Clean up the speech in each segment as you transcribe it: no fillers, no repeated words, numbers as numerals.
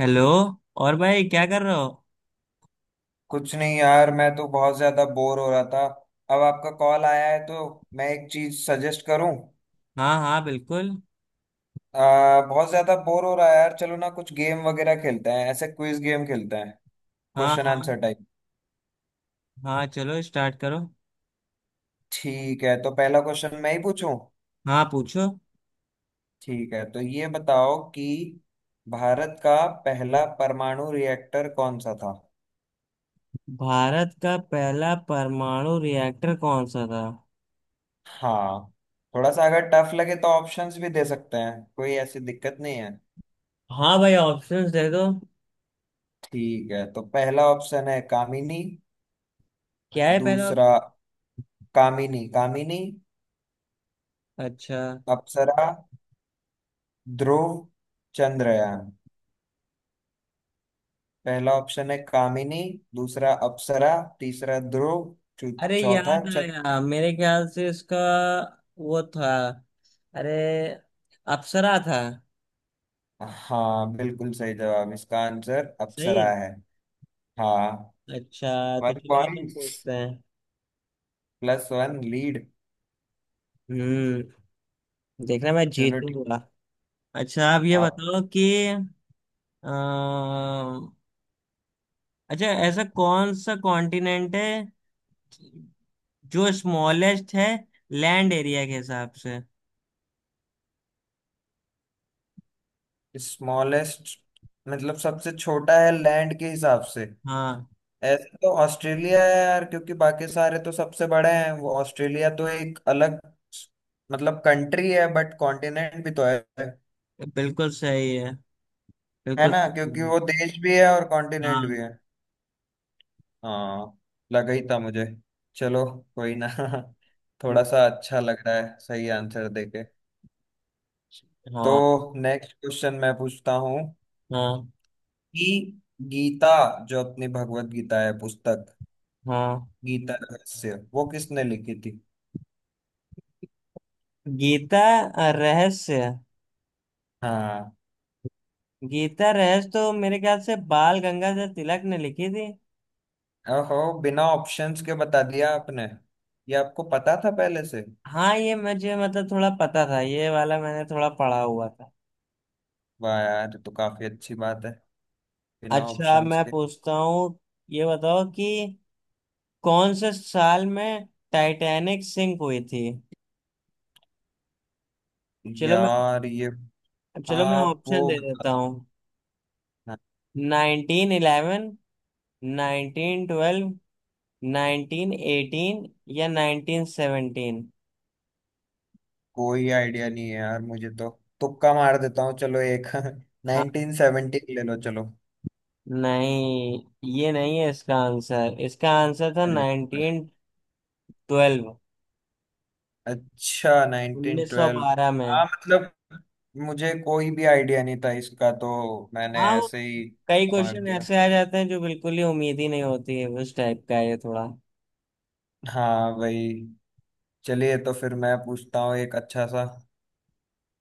Hello. और भाई क्या कर रहे हो? कुछ नहीं यार, मैं तो बहुत ज्यादा बोर हो रहा था। अब आपका कॉल आया है तो मैं एक चीज सजेस्ट करूं। हाँ हाँ बिल्कुल। बहुत ज्यादा बोर हो रहा है यार, चलो ना कुछ गेम वगैरह खेलते हैं, ऐसे क्विज गेम खेलते हैं। हाँ क्वेश्चन हाँ। Answer type. हाँ चलो स्टार्ट करो। ठीक है, तो पहला क्वेश्चन मैं ही पूछूं। हाँ पूछो। ठीक है, तो ये बताओ कि भारत का पहला परमाणु रिएक्टर कौन सा था। भारत का पहला परमाणु रिएक्टर कौन सा था? हाँ। थोड़ा सा अगर टफ लगे तो ऑप्शंस भी दे सकते हैं, कोई ऐसी दिक्कत नहीं है। हाँ भाई ऑप्शंस दे दो। ठीक है, तो पहला ऑप्शन है कामिनी। क्या है पहला दूसरा ऑप्शन? कामिनी कामिनी। अच्छा। अप्सरा। ध्रुव। चंद्रयान। पहला ऑप्शन है कामिनी। दूसरा अप्सरा। तीसरा ध्रुव। चौ- अरे चौथा याद चंद्र। आया मेरे ख्याल से इसका वो था। अरे अप्सरा था। हाँ, बिल्कुल सही जवाब, इसका आंसर सही अप्सरा है। है। हाँ। अच्छा तो वन चलो अब हम पॉइंट। पूछते हैं। Plus one lead. हम्म। देखना मैं चलो ठीक। जीतूंगा। अच्छा आप ये आप। बताओ कि अम्म, अच्छा ऐसा कौन सा कॉन्टिनेंट है जो स्मॉलेस्ट है लैंड एरिया के हिसाब से? स्मॉलेस्ट मतलब सबसे छोटा है लैंड के हिसाब से। हाँ ऐसे तो ऑस्ट्रेलिया है यार, क्योंकि बाकी सारे तो सबसे बड़े हैं, वो ऑस्ट्रेलिया तो एक अलग मतलब कंट्री है बट कॉन्टिनेंट भी तो है। बिल्कुल सही है। है बिल्कुल ना, क्योंकि सही है। वो देश भी है और कॉन्टिनेंट भी हाँ है। हाँ। लगा ही था मुझे। चलो। कोई ना। थोड़ा सा अच्छा लग रहा है सही आंसर देके। तो हाँ नेक्स्ट क्वेश्चन मैं पूछता हूँ हाँ कि गीता, जो अपनी भगवत गीता है पुस्तक, हाँ। गीता रहस्य वो किसने लिखी थी। गीता रहस्य। हाँ। गीता रहस्य तो मेरे ख्याल से बाल गंगाधर तिलक ने लिखी थी। ओहो, बिना ऑप्शंस के बता दिया आपने। ये आपको पता था पहले से। हाँ ये मुझे मतलब थोड़ा पता था। ये वाला मैंने थोड़ा पढ़ा हुआ था। वाह यार, ये तो काफी अच्छी बात है, बिना अच्छा ऑप्शंस मैं के। पूछता हूँ। ये बताओ कि कौन से साल में टाइटैनिक सिंक हुई थी? चलो मैं यार ये। चलो मैं आप ऑप्शन वो दे बता देता दो। हूँ। हाँ। 1911, 1912, 1918 या 1917। कोई आइडिया नहीं है यार मुझे तो। तुक्का मार देता हूँ, चलो एक हाँ। 1970 ले लो चलो। नहीं। ये नहीं है इसका आंसर। इसका आंसर था अरे, 1912। अच्छा उन्नीस सौ 1912। बारह में। हाँ मतलब मुझे कोई भी आइडिया नहीं था, इसका तो मैंने हाँ वो ऐसे ही कई मार क्वेश्चन दिया। ऐसे आ जाते हैं जो बिल्कुल ही उम्मीद ही नहीं होती है। उस टाइप का है ये थोड़ा। हाँ भाई। चलिए तो फिर मैं पूछता हूँ एक अच्छा सा।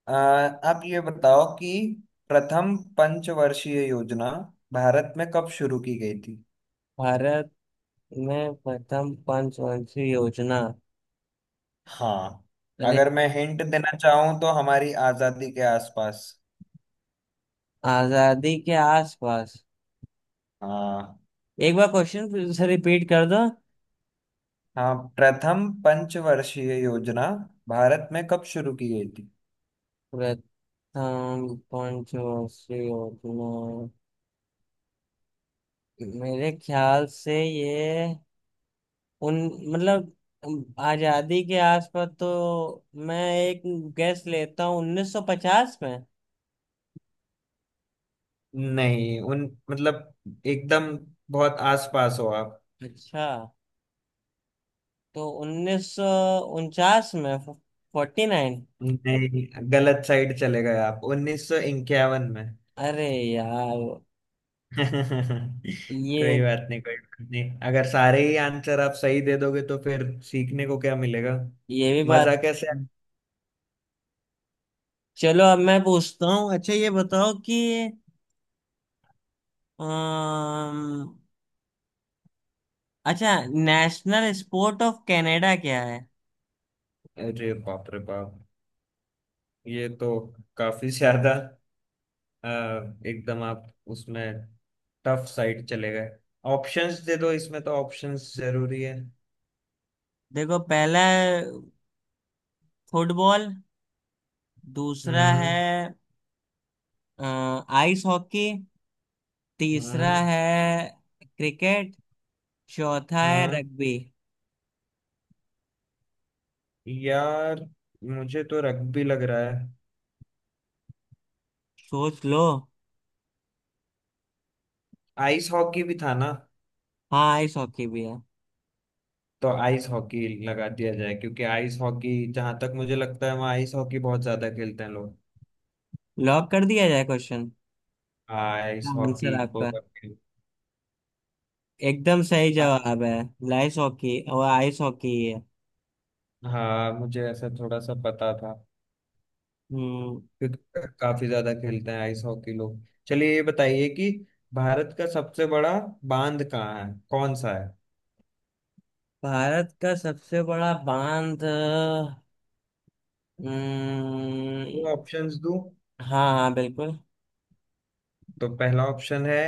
आप ये बताओ कि प्रथम पंचवर्षीय योजना भारत में कब शुरू की गई थी। भारत में प्रथम पंचवंशी योजना। हाँ। अरे। अगर मैं हिंट देना चाहूँ तो हमारी आजादी के आसपास। आजादी के आसपास। हाँ। एक बार क्वेश्चन फिर से रिपीट कर दो। हाँ, प्रथम पंचवर्षीय योजना भारत में कब शुरू की गई थी। प्रथम पंचवर्षीय योजना मेरे ख्याल से ये उन मतलब आजादी के आसपास तो मैं एक गैस लेता हूँ 1950 में। नहीं, उन मतलब एकदम बहुत आसपास हो आप। अच्छा तो 1949 में। 49। नहीं, गलत साइड चले गए आप, 1951 में। अरे यार। ये कोई बात नहीं कोई बात नहीं, अगर सारे ही आंसर आप सही दे दोगे तो फिर सीखने को क्या मिलेगा। ये भी बात। मजा कैसे आए? चलो अब मैं पूछता हूँ। अच्छा ये बताओ कि अम्म, अच्छा नेशनल स्पोर्ट ऑफ कनाडा क्या है? अरे बाप रे बाप, ये तो काफी ज्यादा। अ, एकदम आप उसमें टफ साइड चले गए। ऑप्शंस दे दो, इसमें तो ऑप्शंस जरूरी है। देखो पहला है फुटबॉल। दूसरा है हम्म। अ, आइस हॉकी। तीसरा हम्म। है क्रिकेट। चौथा है हाँ रग्बी। यार, मुझे तो रग्बी लग रहा है। सोच लो। आइस हॉकी भी था ना? हाँ आइस हॉकी भी है। तो आइस हॉकी लगा दिया जाए, क्योंकि आइस हॉकी जहां तक मुझे लगता है वहाँ आइस हॉकी बहुत ज्यादा खेलते हैं लोग। लॉक कर दिया जाए क्वेश्चन। आइस हाँ, हॉकी आंसर को आपका करके-। एकदम सही जवाब है। आइस हॉकी और आइस हॉकी ही है। हाँ, मुझे ऐसा थोड़ा सा पता था। हम्म। क्योंकि काफी ज्यादा खेलते हैं आइस हॉकी लोग। चलिए, ये बताइए कि भारत का सबसे बड़ा बांध कहाँ है, कौन सा है। भारत का सबसे बड़ा बांध। हम्म, वो ऑप्शंस दूं। हाँ हाँ बिल्कुल। तो पहला ऑप्शन है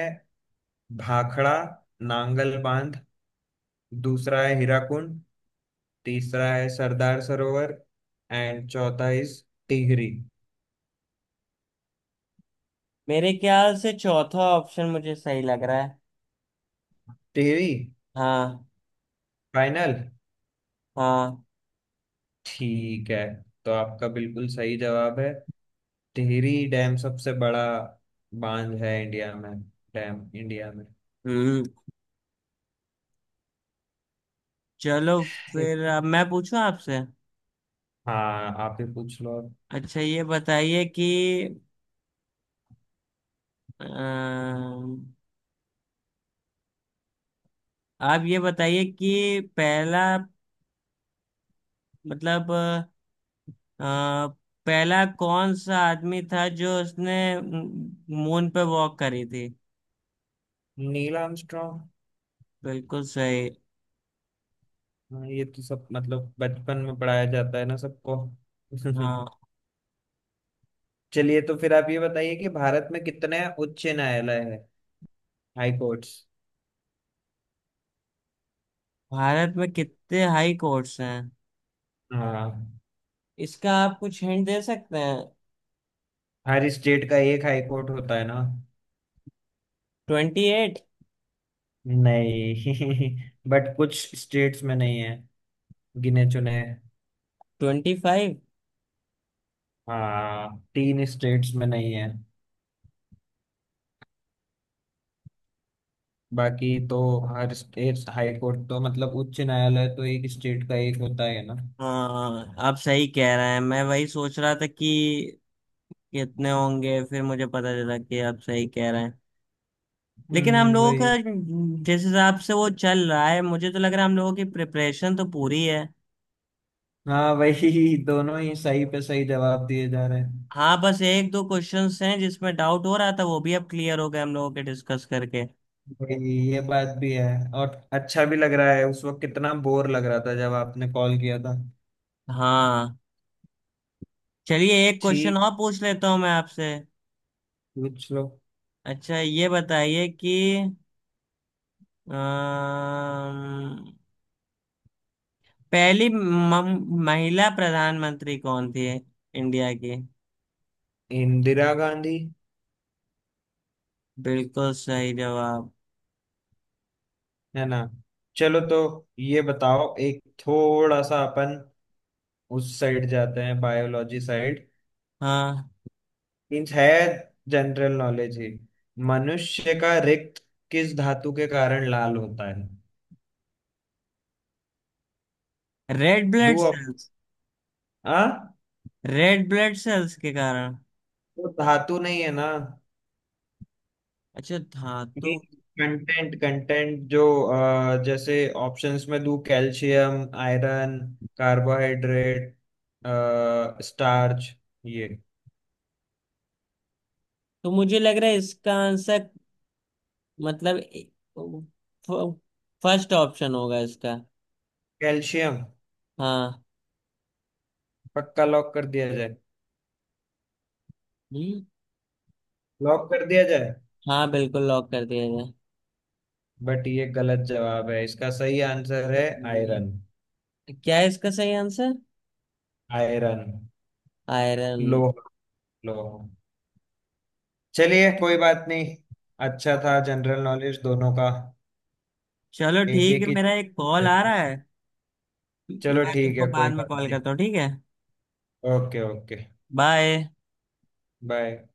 भाखड़ा नांगल बांध। दूसरा है हीराकुंड। तीसरा है सरदार सरोवर। एंड चौथा इज टिहरी। मेरे ख्याल से चौथा ऑप्शन मुझे सही लग रहा है। टिहरी। हाँ। फाइनल। हाँ। ठीक है, तो आपका बिल्कुल सही जवाब है, टिहरी डैम सबसे बड़ा बांध है इंडिया में। डैम इंडिया में। हम्म। चलो एक-। फिर अब मैं पूछूं आपसे। हाँ, आप ही पूछ लो अब। अच्छा ये बताइए कि अम, आप ये बताइए कि पहला मतलब अ, पहला कौन सा आदमी था जो उसने मून पे वॉक करी थी? Neil Armstrong. बिल्कुल सही। हाँ, ये तो सब मतलब बचपन में पढ़ाया जाता है ना सबको। हाँ। चलिए तो फिर आप ये बताइए कि भारत में कितने उच्च न्यायालय है, हाई कोर्ट्स। भारत में कितने हाई कोर्ट्स हैं? हाँ। इसका आप कुछ हिंट दे सकते हैं? हर स्टेट का एक हाई कोर्ट होता है ना। 28। नहीं, बट कुछ स्टेट्स में नहीं है, गिने चुने। 25। हाँ, तीन स्टेट्स में नहीं है, बाकी तो हर स्टेट हाई कोर्ट, तो मतलब उच्च न्यायालय तो एक स्टेट का एक होता है ना। हाँ आप सही कह रहे हैं। मैं वही सोच रहा था कि कितने होंगे। फिर मुझे पता चला कि आप सही कह रहे हैं। लेकिन हम हम्म, लोगों वही। का जिस हिसाब से वो चल रहा है मुझे तो लग रहा है हम लोगों की प्रिपरेशन तो पूरी है। हाँ वही, दोनों ही सही पे सही जवाब दिए जा रहे हैं। हाँ बस एक दो क्वेश्चंस हैं जिसमें डाउट हो रहा था वो भी अब क्लियर हो गए हम लोगों के डिस्कस करके। भाई ये बात भी है, और अच्छा भी लग रहा है, उस वक्त कितना बोर लग रहा था जब आपने कॉल किया था। हाँ। चलिए एक क्वेश्चन ठीक। और पूछ लेता हूँ मैं आपसे। पूछ लो। अच्छा ये बताइए कि अम्म, पहली महिला प्रधानमंत्री कौन थी? इंडिया की। इंदिरा गांधी। बिल्कुल सही जवाब। है ना। चलो, तो ये बताओ, एक थोड़ा सा अपन उस साइड जाते हैं, बायोलॉजी साइड। हाँ। मीन्स है जनरल नॉलेज ही। मनुष्य का रिक्त किस धातु के कारण लाल होता है। रेड ब्लड दो ऑप्शन। सेल्स। आ रेड ब्लड सेल्स के कारण। वो धातु नहीं है ना। अच्छा धातु। कंटेंट कंटेंट जो, जैसे ऑप्शंस में दूं, कैल्शियम, आयरन, कार्बोहाइड्रेट, स्टार्च, ये। तो मुझे लग रहा है इसका आंसर मतलब फर्स्ट ऑप्शन होगा इसका। कैल्शियम। हाँ। पक्का, लॉक कर दिया जाए। हम्म। लॉक कर दिया जाए। हाँ बिल्कुल लॉक कर दिया जाए। बट ये गलत जवाब है, इसका सही आंसर है हम्म। आयरन। क्या है इसका सही आंसर? आयरन। आयरन। लोहा। लोहा। चलिए, कोई बात नहीं, अच्छा था जनरल नॉलेज दोनों का। चलो एक ठीक है एक ही। मेरा एक कॉल आ रहा है। चलो मैं ठीक तुमको है, बाद कोई में बात कॉल नहीं। करता हूँ, ठीक है? Okay, okay. बाय। बाय।